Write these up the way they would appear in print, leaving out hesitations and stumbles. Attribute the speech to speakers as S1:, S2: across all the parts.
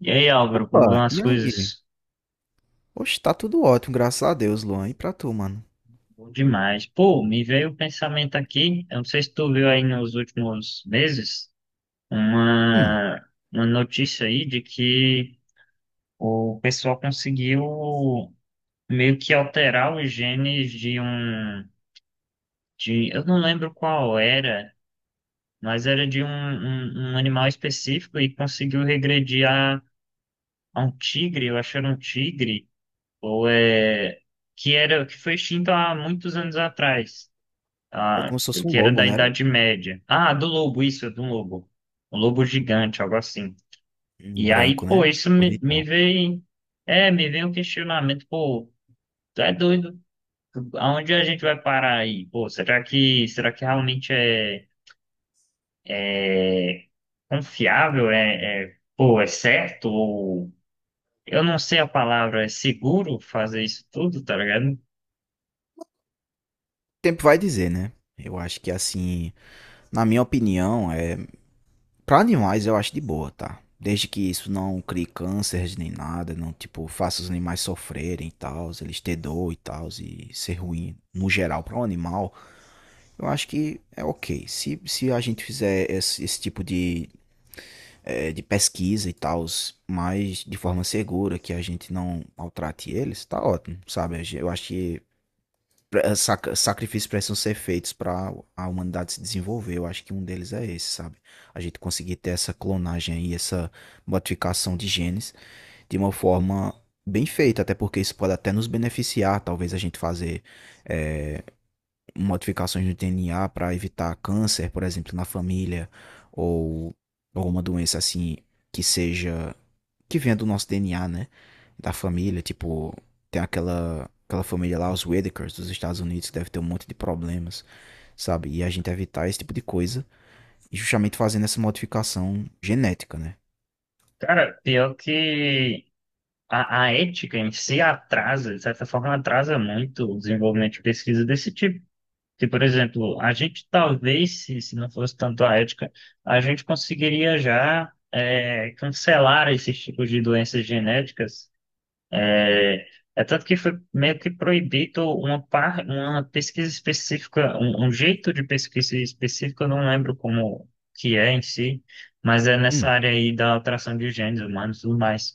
S1: E aí, Álvaro, como vão
S2: Opa,
S1: as
S2: e aí?
S1: coisas?
S2: Oxe, tá tudo ótimo, graças a Deus, Luan. E pra tu, mano?
S1: Bom demais. Pô, me veio o pensamento aqui, eu não sei se tu viu aí nos últimos meses,
S2: Hum,
S1: uma, uma notícia aí de que o pessoal conseguiu meio que alterar os genes de eu não lembro qual era, mas era de um animal específico e conseguiu regredir a um tigre, eu acho que era um tigre, ou é, que era, que foi extinto há muitos anos atrás.
S2: é
S1: Ah,
S2: como se fosse um
S1: que era
S2: lobo,
S1: da
S2: né? Era?
S1: Idade Média. Ah, do lobo, isso, do lobo. Um lobo gigante, algo assim.
S2: Um
S1: E aí,
S2: branco,
S1: pô,
S2: né?
S1: isso me
S2: Bonitão. O
S1: veio. É, me veio um questionamento, pô, tu é doido? Aonde a gente vai parar aí? Pô, será que realmente é, é confiável? É, pô, é certo? Ou, eu não sei a palavra, é seguro fazer isso tudo, tá ligado?
S2: tempo vai dizer, né? Eu acho que, assim, na minha opinião, é... pra animais eu acho de boa, tá? Desde que isso não crie cânceres nem nada, não, tipo, faça os animais sofrerem e tal, eles ter dor e tal, e ser ruim no geral pra um animal, eu acho que é ok. Se a gente fizer esse tipo de de pesquisa e tal, mas de forma segura, que a gente não maltrate eles, tá ótimo, sabe? Eu acho que sacrifícios precisam ser feitos para a humanidade se desenvolver. Eu acho que um deles é esse, sabe? A gente conseguir ter essa clonagem aí, essa modificação de genes de uma forma bem feita, até porque isso pode até nos beneficiar, talvez a gente fazer modificações no DNA para evitar câncer, por exemplo, na família, ou alguma doença assim que seja que vem do nosso DNA, né? Da família, tipo, tem aquela família lá, os Whitakers dos Estados Unidos, que deve ter um monte de problemas, sabe? E a gente evitar esse tipo de coisa, e justamente fazendo essa modificação genética, né?
S1: Cara, pior que. A ética em si atrasa, de certa forma, atrasa muito o desenvolvimento de pesquisa desse tipo. Que, por exemplo, a gente talvez, se não fosse tanto a ética, a gente conseguiria já cancelar esses tipos de doenças genéticas, é, é tanto que foi meio que proibido uma pesquisa específica, um jeito de pesquisa específica, eu não lembro como que é em si, mas é nessa
S2: Hum,
S1: área aí da alteração de genes humanos e tudo mais.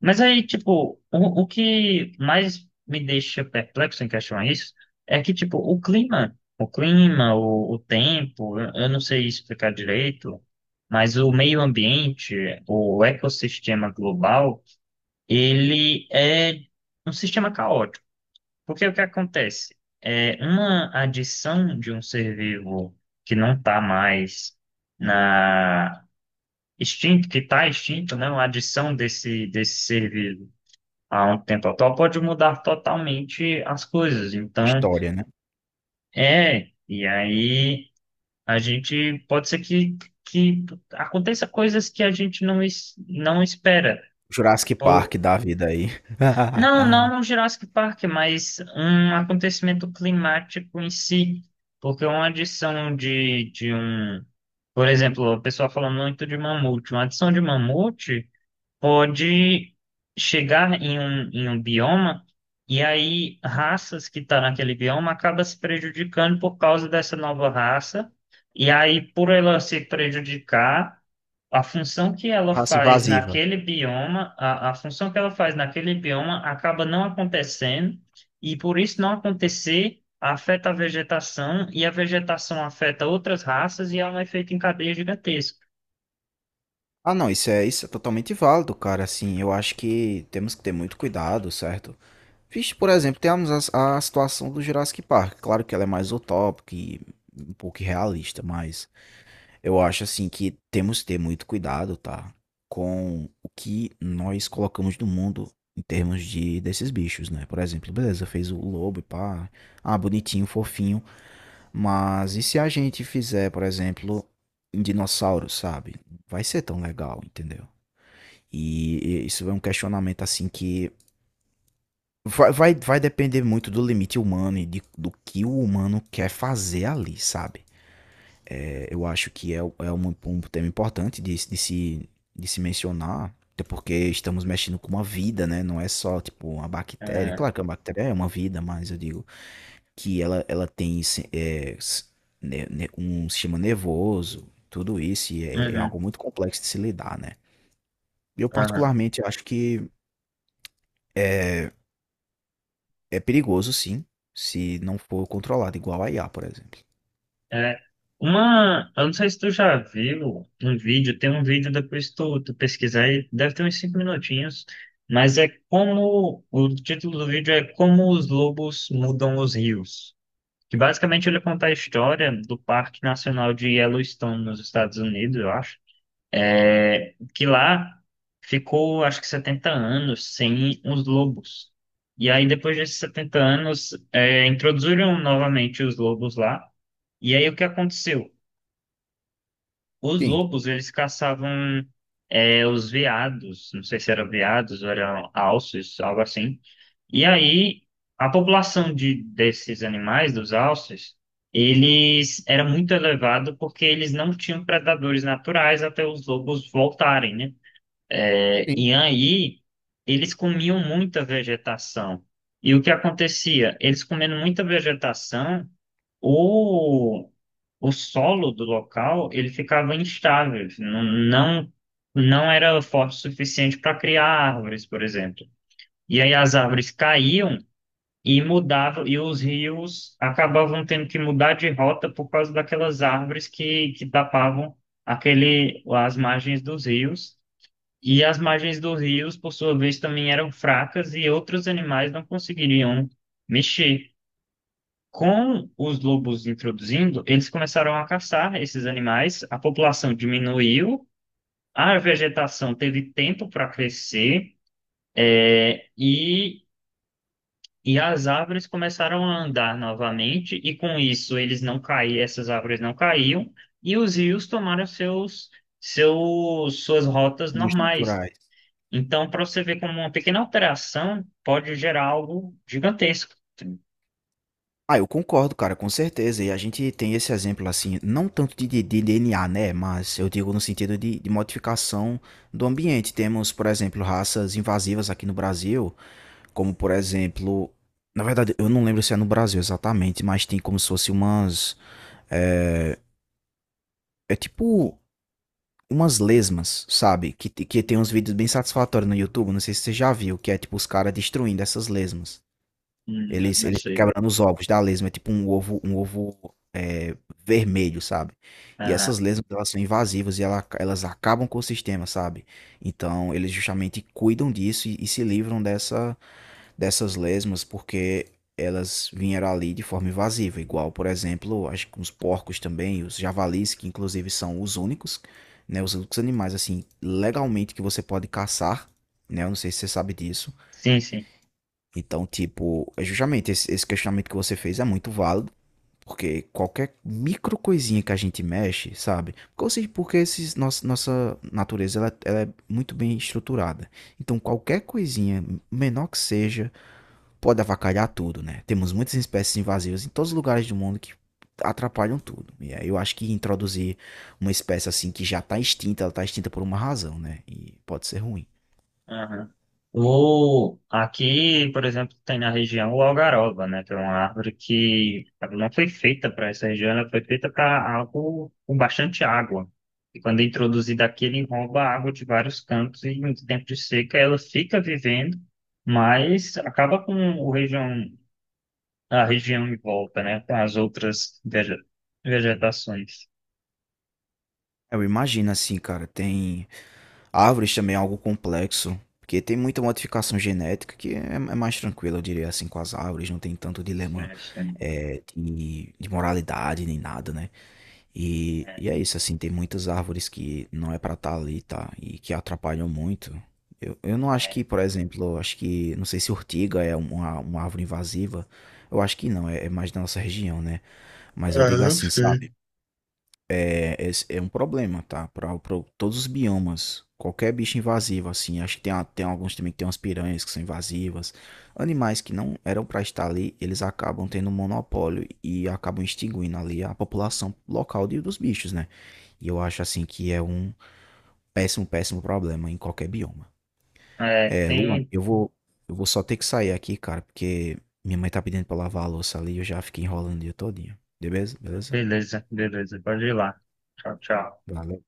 S1: Mas aí, tipo, o que mais me deixa perplexo em questão a isso é que, tipo, o clima, o tempo, eu não sei explicar direito, mas o meio ambiente, o ecossistema global, ele é um sistema caótico. Porque o que acontece? É uma adição de um ser vivo que não está mais na extinto, que está extinto, né? Uma adição desse ser vivo a um tempo atual pode mudar totalmente as coisas. Então,
S2: história, né?
S1: e aí a gente pode ser que aconteça coisas que a gente não espera.
S2: Jurassic Park da vida aí.
S1: Não, não no Jurassic Park, mas um acontecimento climático em si, porque uma adição de um, por exemplo, o pessoal fala muito de mamute, uma adição de mamute pode chegar um bioma, e aí raças que estão naquele bioma acabam se prejudicando por causa dessa nova raça, e aí por ela se prejudicar a função que ela
S2: Raça
S1: faz
S2: invasiva.
S1: naquele bioma, a função que ela faz naquele bioma acaba não acontecendo, e por isso não acontecer, afeta a vegetação, e a vegetação afeta outras raças, e ela é um efeito em cadeia gigantesco.
S2: Ah, não, isso é totalmente válido, cara. Assim, eu acho que temos que ter muito cuidado, certo? Vixe, por exemplo, temos a situação do Jurassic Park. Claro que ela é mais utópica e um pouco irrealista, mas eu acho assim que temos que ter muito cuidado, tá? Com o que nós colocamos no mundo em termos de desses bichos, né? Por exemplo, beleza, fez o lobo e pá, ah, bonitinho, fofinho, mas e se a gente fizer, por exemplo, um dinossauro, sabe? Vai ser tão legal, entendeu? E isso é um questionamento assim que vai depender muito do limite humano e do que o humano quer fazer ali, sabe? É, eu acho que é, é um tema importante de, de se mencionar, até porque estamos mexendo com uma vida, né? Não é só, tipo, uma bactéria.
S1: É,
S2: Claro que a bactéria é uma vida, mas eu digo que ela tem um sistema nervoso, tudo isso, e é
S1: uhum,
S2: algo muito complexo de se lidar, né? Eu,
S1: aham.
S2: particularmente, acho que é perigoso, sim, se não for controlado, igual a IA, por exemplo.
S1: É, eu não sei se tu já viu um vídeo, tem um vídeo depois tu pesquisar aí, deve ter uns 5 minutinhos, mas é como, o título do vídeo é Como os Lobos Mudam os Rios. Que basicamente ele conta a história do Parque Nacional de Yellowstone nos Estados Unidos, eu acho. É, que lá ficou, acho que 70 anos sem os lobos. E aí, depois desses 70 anos, introduziram novamente os lobos lá. E aí, o que aconteceu? Os
S2: Sim,
S1: lobos, eles caçavam, os veados, não sei se eram veados ou eram alces, algo assim. E aí, a população desses animais, dos alces, eles era muito elevado porque eles não tinham predadores naturais até os lobos voltarem, né? É,
S2: sim,
S1: e aí, eles comiam muita vegetação. E o que acontecia? Eles comendo muita vegetação, o, o solo do local ele ficava instável, assim, não, não era forte o suficiente para criar árvores, por exemplo. E aí as árvores caíam e mudavam, e os rios acabavam tendo que mudar de rota por causa daquelas árvores que tapavam as margens dos rios. E as margens dos rios, por sua vez, também eram fracas e outros animais não conseguiriam mexer. Com os lobos introduzindo, eles começaram a caçar esses animais, a população diminuiu, a vegetação teve tempo para crescer, é, e, e as árvores começaram a andar novamente, e com isso eles não caíam, essas árvores não caíam, e os rios tomaram suas rotas
S2: os
S1: normais.
S2: naturais.
S1: Então, para você ver como uma pequena alteração pode gerar algo gigantesco.
S2: Ah, eu concordo, cara, com certeza. E a gente tem esse exemplo assim, não tanto de DNA, né? Mas eu digo no sentido de modificação do ambiente. Temos, por exemplo, raças invasivas aqui no Brasil, como por exemplo. Na verdade, eu não lembro se é no Brasil exatamente, mas tem como se fosse umas. É, é tipo umas lesmas, sabe? Que tem uns vídeos bem satisfatórios no YouTube. Não sei se você já viu, que é tipo os caras destruindo essas lesmas. Eles,
S1: Não
S2: eles
S1: sei.
S2: quebrando os ovos da lesma, é tipo um ovo é, vermelho, sabe? E
S1: Ah,
S2: essas lesmas, elas são invasivas e elas acabam com o sistema, sabe? Então, eles justamente cuidam disso e se livram dessas lesmas porque elas vieram ali de forma invasiva. Igual, por exemplo, acho que os porcos também, os javalis, que inclusive são os únicos, né? Os únicos animais, assim, legalmente que você pode caçar, né? Eu não sei se você sabe disso
S1: sim, sim.
S2: então, tipo, é justamente esse, esse questionamento que você fez é muito válido, porque qualquer micro coisinha que a gente mexe, sabe? Porque, ou seja, porque esses, nossa, nossa natureza ela é muito bem estruturada. Então, qualquer coisinha, menor que seja, pode avacalhar tudo, né? Temos muitas espécies invasivas em todos os lugares do mundo que atrapalham tudo. E aí eu acho que introduzir uma espécie assim que já tá extinta, ela tá extinta por uma razão, né? E pode ser ruim.
S1: Aham. Aqui, por exemplo, tem na região o algaroba, né? Que é uma árvore que ela não foi feita para essa região, ela foi feita para algo com bastante água. E quando é introduzida aqui, ele rouba a água de vários cantos e em tempo de seca ela fica vivendo, mas acaba com o região, a região em volta, né? Com as outras vegetações.
S2: Eu imagino assim, cara, tem Árvores também é algo complexo, porque tem muita modificação genética que é mais tranquila, eu diria assim, com as árvores, não tem tanto dilema é, de moralidade nem nada, né?
S1: É,
S2: E é isso, assim, tem muitas árvores que não é pra estar ali, tá? E que atrapalham muito. Eu não acho
S1: é.
S2: que, por exemplo, eu acho que, não sei se ortiga é uma árvore invasiva, eu acho que não, é mais da nossa região, né? Mas eu digo
S1: É, eu
S2: assim,
S1: sei.
S2: sabe? É, esse é um problema, tá? Para todos os biomas. Qualquer bicho invasivo, assim. Acho que tem, tem alguns também que tem umas piranhas que são invasivas. Animais que não eram para estar ali, eles acabam tendo um monopólio e acabam extinguindo ali a população local dos bichos, né? E eu acho, assim, que é um péssimo, péssimo problema em qualquer bioma.
S1: É,
S2: É, Luan,
S1: tem.
S2: eu vou só ter que sair aqui, cara, porque minha mãe tá pedindo pra lavar a louça ali e eu já fiquei enrolando o dia todinho. Beleza? Beleza?
S1: Beleza, beleza. Pode ir lá. Tchau, tchau.
S2: Valeu.